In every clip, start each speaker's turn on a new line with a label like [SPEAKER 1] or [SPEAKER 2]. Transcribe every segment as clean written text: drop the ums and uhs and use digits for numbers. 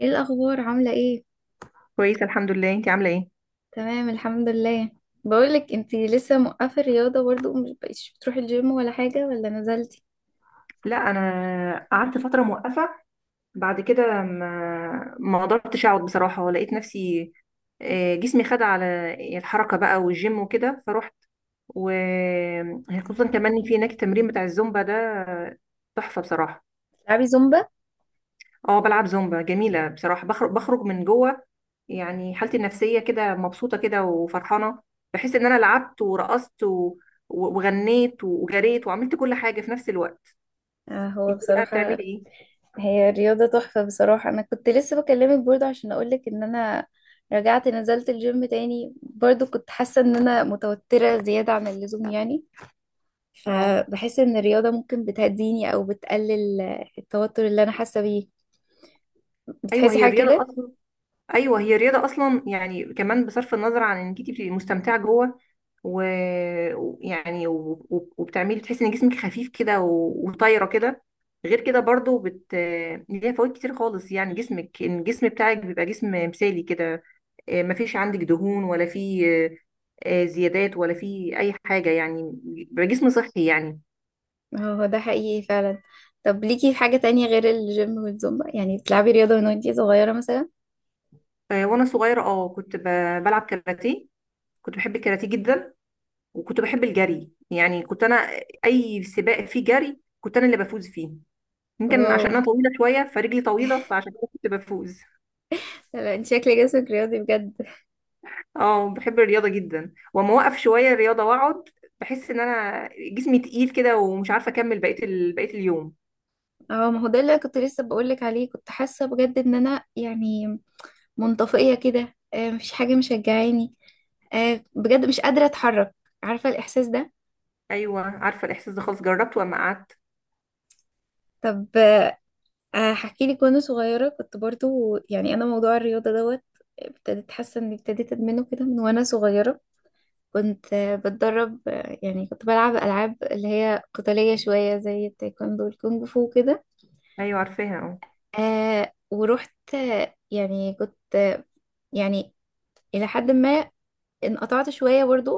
[SPEAKER 1] ايه الاخبار؟ عامله ايه؟
[SPEAKER 2] كويسة الحمد لله، انتي عاملة ايه؟
[SPEAKER 1] تمام الحمد لله. بقولك انتي لسه موقفه الرياضه برضو، مش بقيتش بتروحي الجيم ولا حاجه ولا نزلتي؟
[SPEAKER 2] لا انا قعدت فترة موقفة. بعد كده ما قدرتش اقعد بصراحة، ولقيت نفسي جسمي خد على الحركة بقى والجيم وكده فروحت. وخصوصا كمان إن في هناك التمرين بتاع الزومبا ده تحفة بصراحة.
[SPEAKER 1] تلعبي زومبا؟
[SPEAKER 2] اه بلعب زومبا، جميلة بصراحة، بخرج من جوه، يعني حالتي النفسية كده مبسوطة كده وفرحانة. بحس ان انا لعبت ورقصت وغنيت وجريت وعملت كل حاجة في نفس الوقت.
[SPEAKER 1] آه. هو
[SPEAKER 2] انت بقى
[SPEAKER 1] بصراحه
[SPEAKER 2] بتعملي ايه؟
[SPEAKER 1] هي الرياضه تحفه بصراحه. انا كنت لسه بكلمك برضو عشان اقولك ان انا رجعت نزلت الجيم تاني برضو، كنت حاسه ان انا متوتره زياده عن اللزوم يعني،
[SPEAKER 2] اه،
[SPEAKER 1] فبحس ان الرياضه ممكن بتهديني او بتقلل التوتر اللي انا حاسه بيه.
[SPEAKER 2] ايوه
[SPEAKER 1] بتحسي
[SPEAKER 2] هي
[SPEAKER 1] حاجه
[SPEAKER 2] الرياضه
[SPEAKER 1] كده؟
[SPEAKER 2] اصلا، ايوه هي الرياضه اصلا يعني كمان بصرف النظر عن انك انت بتبقي مستمتعه جوه و- و وبتعملي تحسي ان جسمك خفيف كده وطايره كده. غير كده برضو ليها فوائد كتير خالص، يعني جسمك ان الجسم بتاعك بيبقى جسم مثالي كده. مفيش عندك دهون ولا في زيادات ولا في اي حاجه، يعني بيبقى جسم صحي يعني.
[SPEAKER 1] هو ده حقيقي فعلا. طب ليكي في حاجة تانية غير الجيم والزومبا؟ يعني بتلعبي رياضة من وانتي صغيرة مثلا؟
[SPEAKER 2] وانا صغيره اه كنت بلعب كاراتيه، كنت بحب الكاراتيه جدا، وكنت بحب الجري. يعني كنت انا اي سباق فيه جري كنت انا اللي بفوز فيه. يمكن
[SPEAKER 1] واو.
[SPEAKER 2] عشان انا طويله شويه فرجلي طويله فعشان كده كنت بفوز.
[SPEAKER 1] لا، انت شكل جسمك رياضي بجد.
[SPEAKER 2] اه بحب الرياضه جدا، واما اوقف شويه الرياضه واقعد بحس ان انا جسمي تقيل كده ومش عارفه اكمل بقيه اليوم.
[SPEAKER 1] اه، ما هو ده اللي كنت لسه بقولك عليه، كنت حاسة بجد ان انا يعني منطفئة كده، مفيش حاجة مشجعاني، بجد مش قادرة اتحرك. عارفة الإحساس ده؟
[SPEAKER 2] ايوه عارفه الاحساس ده خالص، جربته اما قعدت.
[SPEAKER 1] طب هحكي لك. وانا صغيرة كنت برضو يعني انا موضوع الرياضة دوت ابتديت حاسة اني ابتديت ادمنه كده من وانا صغيرة. كنت بتدرب، يعني كنت بلعب ألعاب اللي هي قتالية شوية زي التايكوندو والكونغ فو كده.
[SPEAKER 2] ايوه عارفاها اه.
[SPEAKER 1] آه، ورحت، يعني كنت، يعني إلى حد ما انقطعت شوية برضو.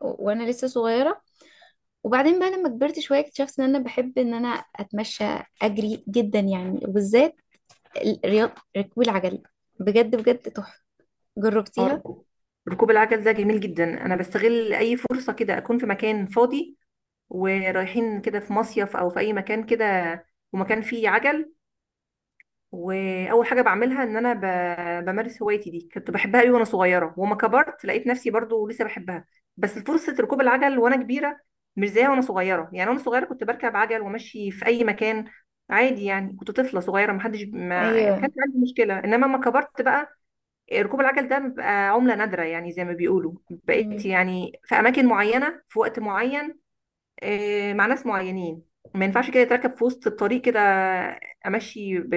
[SPEAKER 1] وأنا لسه صغيرة. وبعدين بقى لما كبرت شوية اكتشفت إن أنا بحب إن أنا أتمشى، أجري جدا يعني، وبالذات رياضة ركوب العجل. بجد بجد تحفة.
[SPEAKER 2] آه،
[SPEAKER 1] جربتيها؟
[SPEAKER 2] ركوب ركوب العجل ده جميل جدا، انا بستغل اي فرصه كده اكون في مكان فاضي، ورايحين كده في مصيف او في اي مكان كده ومكان فيه عجل. واول حاجه بعملها ان انا بمارس هوايتي دي، كنت بحبها قوي وانا صغيره، وما كبرت لقيت نفسي برضو لسه بحبها. بس فرصه ركوب العجل وانا كبيره مش زيها وانا صغيره. يعني وانا صغيره كنت بركب عجل وامشي في اي مكان عادي، يعني كنت طفله صغيره ما حدش ما
[SPEAKER 1] أيوة.
[SPEAKER 2] كانش عندي مشكله. انما لما كبرت بقى ركوب العجل ده بقى عمله نادره، يعني زي ما بيقولوا
[SPEAKER 1] مم.
[SPEAKER 2] بقيت يعني في اماكن معينه في وقت معين، مع ناس معينين. ما ينفعش كده يتركب في وسط الطريق كده، امشي ب...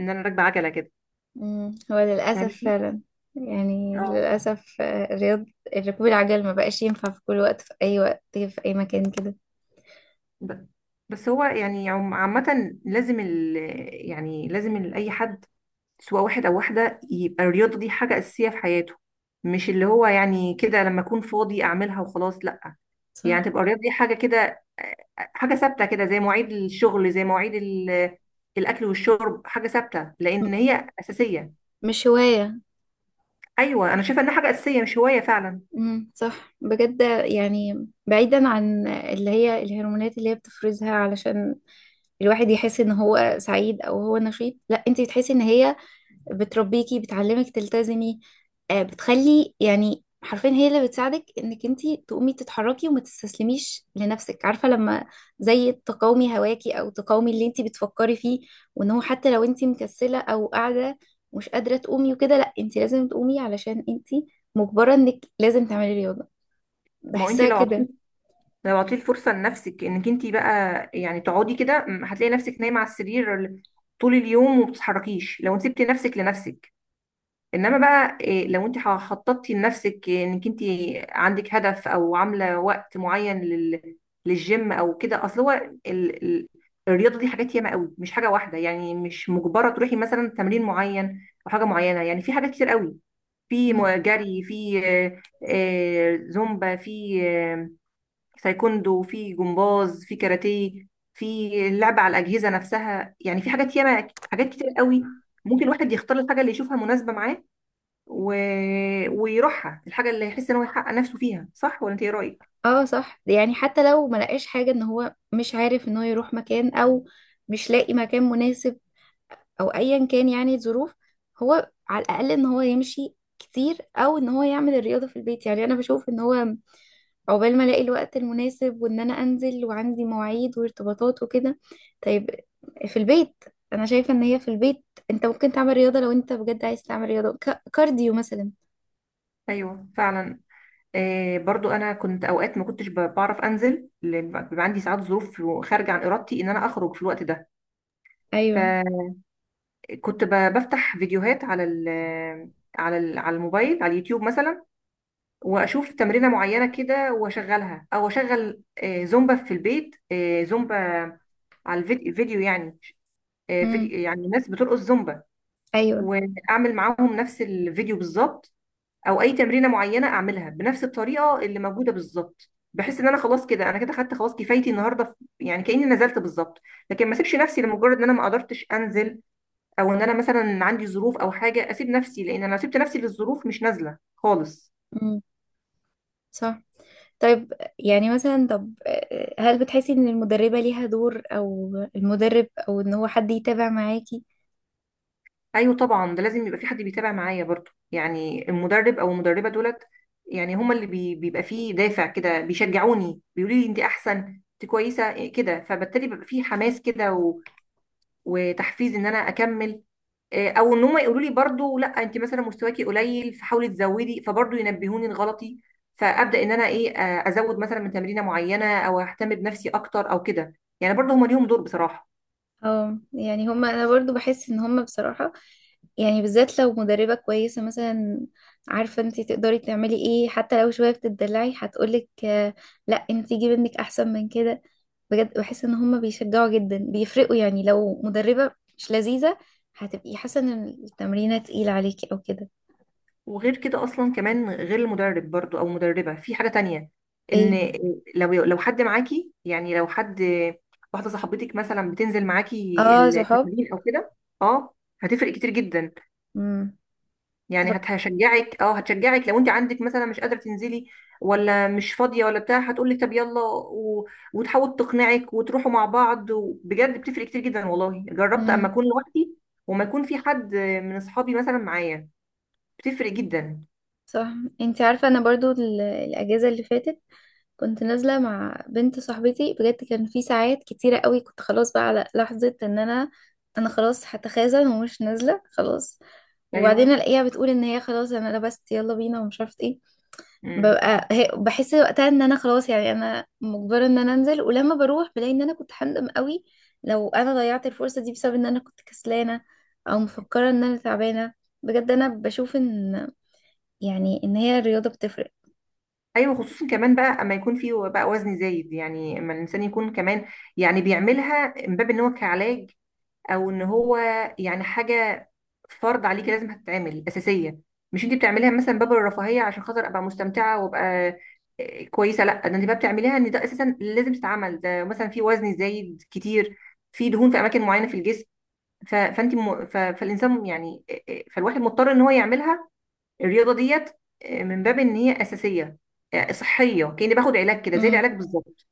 [SPEAKER 2] ان انا راكبه عجله كده،
[SPEAKER 1] مم. هو للأسف
[SPEAKER 2] فاهمني؟
[SPEAKER 1] فعلا. يعني
[SPEAKER 2] اه.
[SPEAKER 1] للأسف، آه، الرياض ركوب العجل ما بقاش ينفع في كل وقت، في أي وقت في أي مكان كده.
[SPEAKER 2] ب- بس هو يعني عامه لازم يعني لازم اي حد سواء واحد او واحده يبقى الرياضه دي حاجه اساسيه في حياته، مش اللي هو يعني كده لما اكون فاضي اعملها وخلاص، لا. يعني
[SPEAKER 1] صح.
[SPEAKER 2] تبقى الرياضه دي حاجه كده، حاجه ثابته كده زي مواعيد الشغل، زي مواعيد الاكل والشرب، حاجه ثابته
[SPEAKER 1] م-
[SPEAKER 2] لان هي اساسيه.
[SPEAKER 1] مش هواية.
[SPEAKER 2] ايوه انا شايفه انها حاجه اساسيه مش هوايه فعلا.
[SPEAKER 1] مم. صح بجد، يعني بعيدا عن اللي هي الهرمونات اللي هي بتفرزها علشان الواحد يحس ان هو سعيد او هو نشيط، لا، انت بتحسي ان هي بتربيكي، بتعلمك تلتزمي، بتخلي، يعني حرفيا هي اللي بتساعدك انك انتي تقومي تتحركي وما تستسلميش لنفسك. عارفة لما زي تقاومي هواكي او تقاومي اللي انتي بتفكري فيه، وان هو حتى لو انتي مكسلة او قاعدة مش قادرة تقومي وكده، لا، انتي لازم تقومي علشان انتي مجبرة انك لازم تعملي رياضة.
[SPEAKER 2] ما هو انت
[SPEAKER 1] بحسها كده.
[SPEAKER 2] لو عطيتي الفرصه لنفسك انك انت بقى يعني تقعدي كده، هتلاقي نفسك نايمه على السرير طول اليوم وما بتتحركيش، لو انت سبتي نفسك لنفسك. انما بقى إيه، لو انت خططتي لنفسك انك انت عندك هدف، او عامله وقت معين للجيم او كده. اصل هو ال... ال... الرياضه دي حاجات ياما قوي، مش حاجه واحده يعني، مش مجبره تروحي مثلا تمرين معين او حاجه معينه، يعني في حاجات كتير قوي. في
[SPEAKER 1] مم.
[SPEAKER 2] جري، في زومبا، في تايكوندو، في جمباز، في كاراتيه، في اللعب على الأجهزة نفسها. يعني في حاجات ياما، حاجات كتير قوي. ممكن الواحد يختار الحاجة اللي يشوفها مناسبة معاه و... ويروحها، الحاجة اللي يحس ان هو يحقق نفسه فيها. صح ولا انت ايه رأيك؟
[SPEAKER 1] اه، صح. يعني حتى لو ما لقاش حاجة ان هو مش عارف ان هو يروح مكان او مش لاقي مكان مناسب او ايا كان يعني الظروف، هو على الاقل ان هو يمشي كتير او ان هو يعمل الرياضه في البيت. يعني انا بشوف ان هو، عقبال ما الاقي الوقت المناسب وان انا انزل وعندي مواعيد وارتباطات وكده، طيب، في البيت، انا شايفه ان هي في البيت انت ممكن تعمل رياضه لو انت بجد عايز تعمل رياضه، كارديو مثلا.
[SPEAKER 2] ايوه فعلا. برضو انا كنت اوقات ما كنتش بعرف انزل، بيبقى عندي ساعات ظروف خارجة عن ارادتي ان انا اخرج في الوقت ده. ف
[SPEAKER 1] ايوه.
[SPEAKER 2] كنت بفتح فيديوهات على الموبايل، على اليوتيوب مثلا، واشوف تمرينه معينه كده واشغلها، او اشغل زومبا في البيت. زومبا على الفيديو يعني،
[SPEAKER 1] امم.
[SPEAKER 2] فيديو يعني ناس بترقص زومبا،
[SPEAKER 1] ايوه.
[SPEAKER 2] واعمل معاهم نفس الفيديو بالظبط. او اي تمرينه معينه اعملها بنفس الطريقه اللي موجوده بالظبط، بحس ان انا خلاص كده انا كده خدت خلاص كفايتي النهارده، يعني كاني نزلت بالظبط. لكن ما اسيبش نفسي لمجرد ان انا ما قدرتش انزل، او ان انا مثلا عندي ظروف او حاجه اسيب نفسي، لان انا لو سبت نفسي للظروف مش نازله خالص.
[SPEAKER 1] امم. صح. طيب، يعني مثلا، طب هل بتحسي ان المدربه ليها دور او المدرب او ان هو حد يتابع معاكي؟
[SPEAKER 2] ايوه طبعا، ده لازم يبقى في حد بيتابع معايا برضو، يعني المدرب او المدربه دولت يعني هما اللي بيبقى فيه دافع كده، بيشجعوني بيقولوا لي انت احسن، انت كويسه إيه كده، فبالتالي بيبقى فيه حماس كده وتحفيز ان انا اكمل. او ان هم يقولوا لي برضو لا انت مثلا مستواكي قليل فحاولي تزودي، فبرضو ينبهوني لغلطي، فابدا ان انا ايه ازود مثلا من تمرينه معينه، او اهتم بنفسي اكتر او كده. يعني برضو هم ليهم دور بصراحه.
[SPEAKER 1] اه، يعني هما، انا برضو بحس ان هما بصراحة، يعني بالذات لو مدربة كويسة مثلا، عارفة انتي تقدري تعملي ايه، حتى لو شوية بتدلعي هتقولك، لا، انتي جيبي ابنك احسن من كده. بجد بحس ان هما بيشجعوا جدا، بيفرقوا. يعني لو مدربة مش لذيذة هتبقي حاسة ان التمرينة تقيلة عليكي او كده.
[SPEAKER 2] وغير كده اصلا كمان غير المدرب برضو او مدربه، في حاجه تانية،
[SPEAKER 1] ايه.
[SPEAKER 2] ان لو حد معاكي، يعني لو حد، واحده صاحبتك مثلا بتنزل معاكي
[SPEAKER 1] اه، صحاب.
[SPEAKER 2] التمرين او كده، اه، هتفرق كتير جدا.
[SPEAKER 1] امم.
[SPEAKER 2] يعني
[SPEAKER 1] تفك...
[SPEAKER 2] هشجعك، اه هتشجعك لو انت عندك مثلا مش قادره تنزلي، ولا مش فاضيه ولا بتاع، هتقول لك طب يلا وتحاول تقنعك وتروحوا مع بعض. بجد بتفرق كتير جدا والله، جربت اما
[SPEAKER 1] امم.
[SPEAKER 2] اكون لوحدي وما يكون في حد من اصحابي مثلا معايا، بتفرق جدا.
[SPEAKER 1] صح. انتي عارفة، انا برضو الاجازة اللي فاتت كنت نازلة مع بنت صاحبتي. بجد كان في ساعات كتيرة قوي كنت خلاص بقى على لحظة ان انا، خلاص هتخاذل ومش نازلة خلاص، وبعدين
[SPEAKER 2] ايوه،
[SPEAKER 1] الاقيها بتقول ان هي خلاص انا لبست يلا بينا ومش عارفة ايه.
[SPEAKER 2] امم،
[SPEAKER 1] بحس وقتها ان انا خلاص، يعني انا مجبرة ان انا انزل، ولما بروح بلاقي ان انا كنت هندم قوي لو انا ضيعت الفرصة دي بسبب ان انا كنت كسلانة او مفكرة ان انا تعبانة. بجد انا بشوف ان، يعني ان هي الرياضة بتفرق.
[SPEAKER 2] ايوه خصوصا كمان بقى اما يكون في بقى وزن زايد، يعني اما الانسان يكون كمان يعني بيعملها من باب ان هو كعلاج، او ان هو يعني حاجه فرض عليكي لازم هتتعمل اساسيه. مش انت بتعمليها مثلا باب الرفاهيه عشان خاطر ابقى مستمتعه وابقى كويسه، لا، ده انت بقى بتعمليها ان ده اساسا لازم تتعمل، ده مثلا في وزن زايد كتير، في دهون في اماكن معينه في الجسم. فالانسان يعني فالواحد مضطر ان هو يعملها، الرياضه ديت، من باب ان هي اساسيه، صحيه، كاني باخد علاج كده زي
[SPEAKER 1] امم.
[SPEAKER 2] العلاج بالظبط.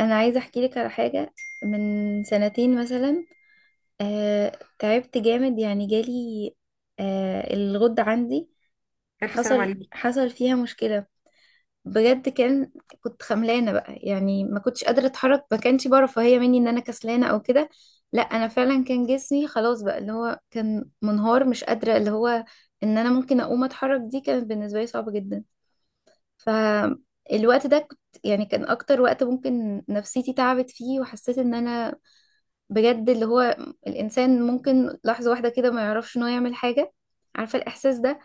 [SPEAKER 1] انا عايزه احكي لك على حاجه. من سنتين مثلا، تعبت جامد، يعني جالي الغدة عندي،
[SPEAKER 2] الف سلام عليك.
[SPEAKER 1] حصل فيها مشكلة بجد. كنت خملانة بقى، يعني ما كنتش قادرة اتحرك. ما كانش بقى رفاهية مني ان انا كسلانة او كده، لا، انا فعلا كان جسمي خلاص بقى اللي هو كان منهار. مش قادرة اللي هو ان انا ممكن اقوم اتحرك، دي كانت بالنسبة لي صعبة جدا. فالوقت ده كنت، يعني كان اكتر وقت ممكن نفسيتي تعبت فيه وحسيت ان انا بجد اللي هو الإنسان ممكن لحظة واحدة كده ما يعرفش إن هو يعمل حاجة. عارفة الإحساس ده؟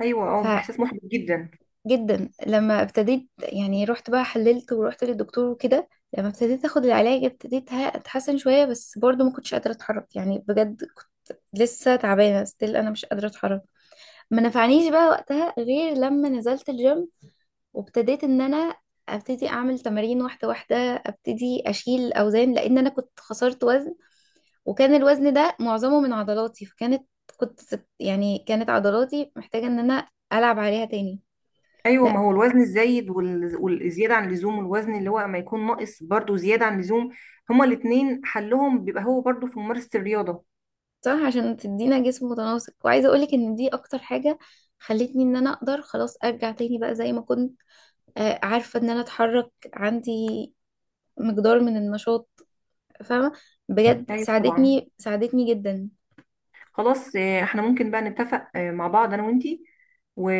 [SPEAKER 2] ايوه اه، احساس محبط جدا.
[SPEAKER 1] فجدا لما ابتديت، يعني رحت بقى حللت ورحت للدكتور وكده، لما ابتديت أخد العلاج ابتديت أتحسن شوية، بس برضو ما كنتش قادرة أتحرك. يعني بجد كنت لسه تعبانة ستيل، أنا مش قادرة أتحرك. ما نفعنيش بقى وقتها غير لما نزلت الجيم، وابتديت إن أنا ابتدي اعمل تمارين واحده واحده، ابتدي اشيل اوزان لان انا كنت خسرت وزن، وكان الوزن ده معظمه من عضلاتي. كنت يعني كانت عضلاتي محتاجة ان انا العب عليها تاني.
[SPEAKER 2] ايوه ما
[SPEAKER 1] لا.
[SPEAKER 2] هو الوزن الزايد والزياده عن اللزوم، والوزن اللي هو ما يكون ناقص برضو زياده عن اللزوم، هما الاتنين حلهم بيبقى هو برضو في ممارسه الرياضه.
[SPEAKER 1] صح، عشان تدينا جسم متناسق. وعايزة اقولك ان دي اكتر حاجة خلتني ان انا اقدر خلاص ارجع تاني بقى زي ما كنت، عارفة ان انا اتحرك عندي مقدار من النشاط. فاهمة؟ بجد
[SPEAKER 2] ايوه طبعا.
[SPEAKER 1] ساعدتني ساعدتني جدا.
[SPEAKER 2] خلاص احنا ممكن بقى نتفق مع بعض انا وانتي و...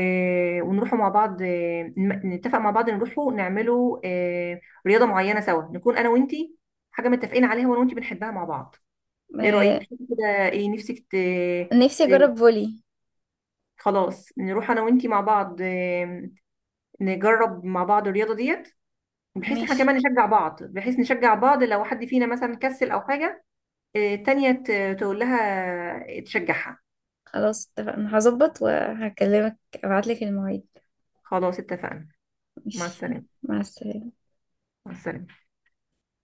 [SPEAKER 2] ونروحوا مع بعض، نتفق مع بعض نروحوا نعملوا رياضه معينه سوا نكون انا وانتي، حاجه متفقين عليها وانا وانتي بنحبها مع بعض. ايه رايك
[SPEAKER 1] آه،
[SPEAKER 2] كده؟ ايه نفسك
[SPEAKER 1] نفسي
[SPEAKER 2] ت...
[SPEAKER 1] اجرب فولي.
[SPEAKER 2] خلاص نروح انا وانتي مع بعض، نجرب مع بعض الرياضه ديت، بحيث احنا
[SPEAKER 1] ماشي.
[SPEAKER 2] كمان نشجع بعض، بحيث نشجع بعض لو حد فينا مثلا كسل او حاجه، التانيه تقول لها تشجعها.
[SPEAKER 1] خلاص اتفقنا، هظبط وهكلمك، ابعتلك المواعيد.
[SPEAKER 2] خلاص اتفقنا. مع
[SPEAKER 1] ماشي.
[SPEAKER 2] السلامه.
[SPEAKER 1] مع السلامة.
[SPEAKER 2] مع السلامه.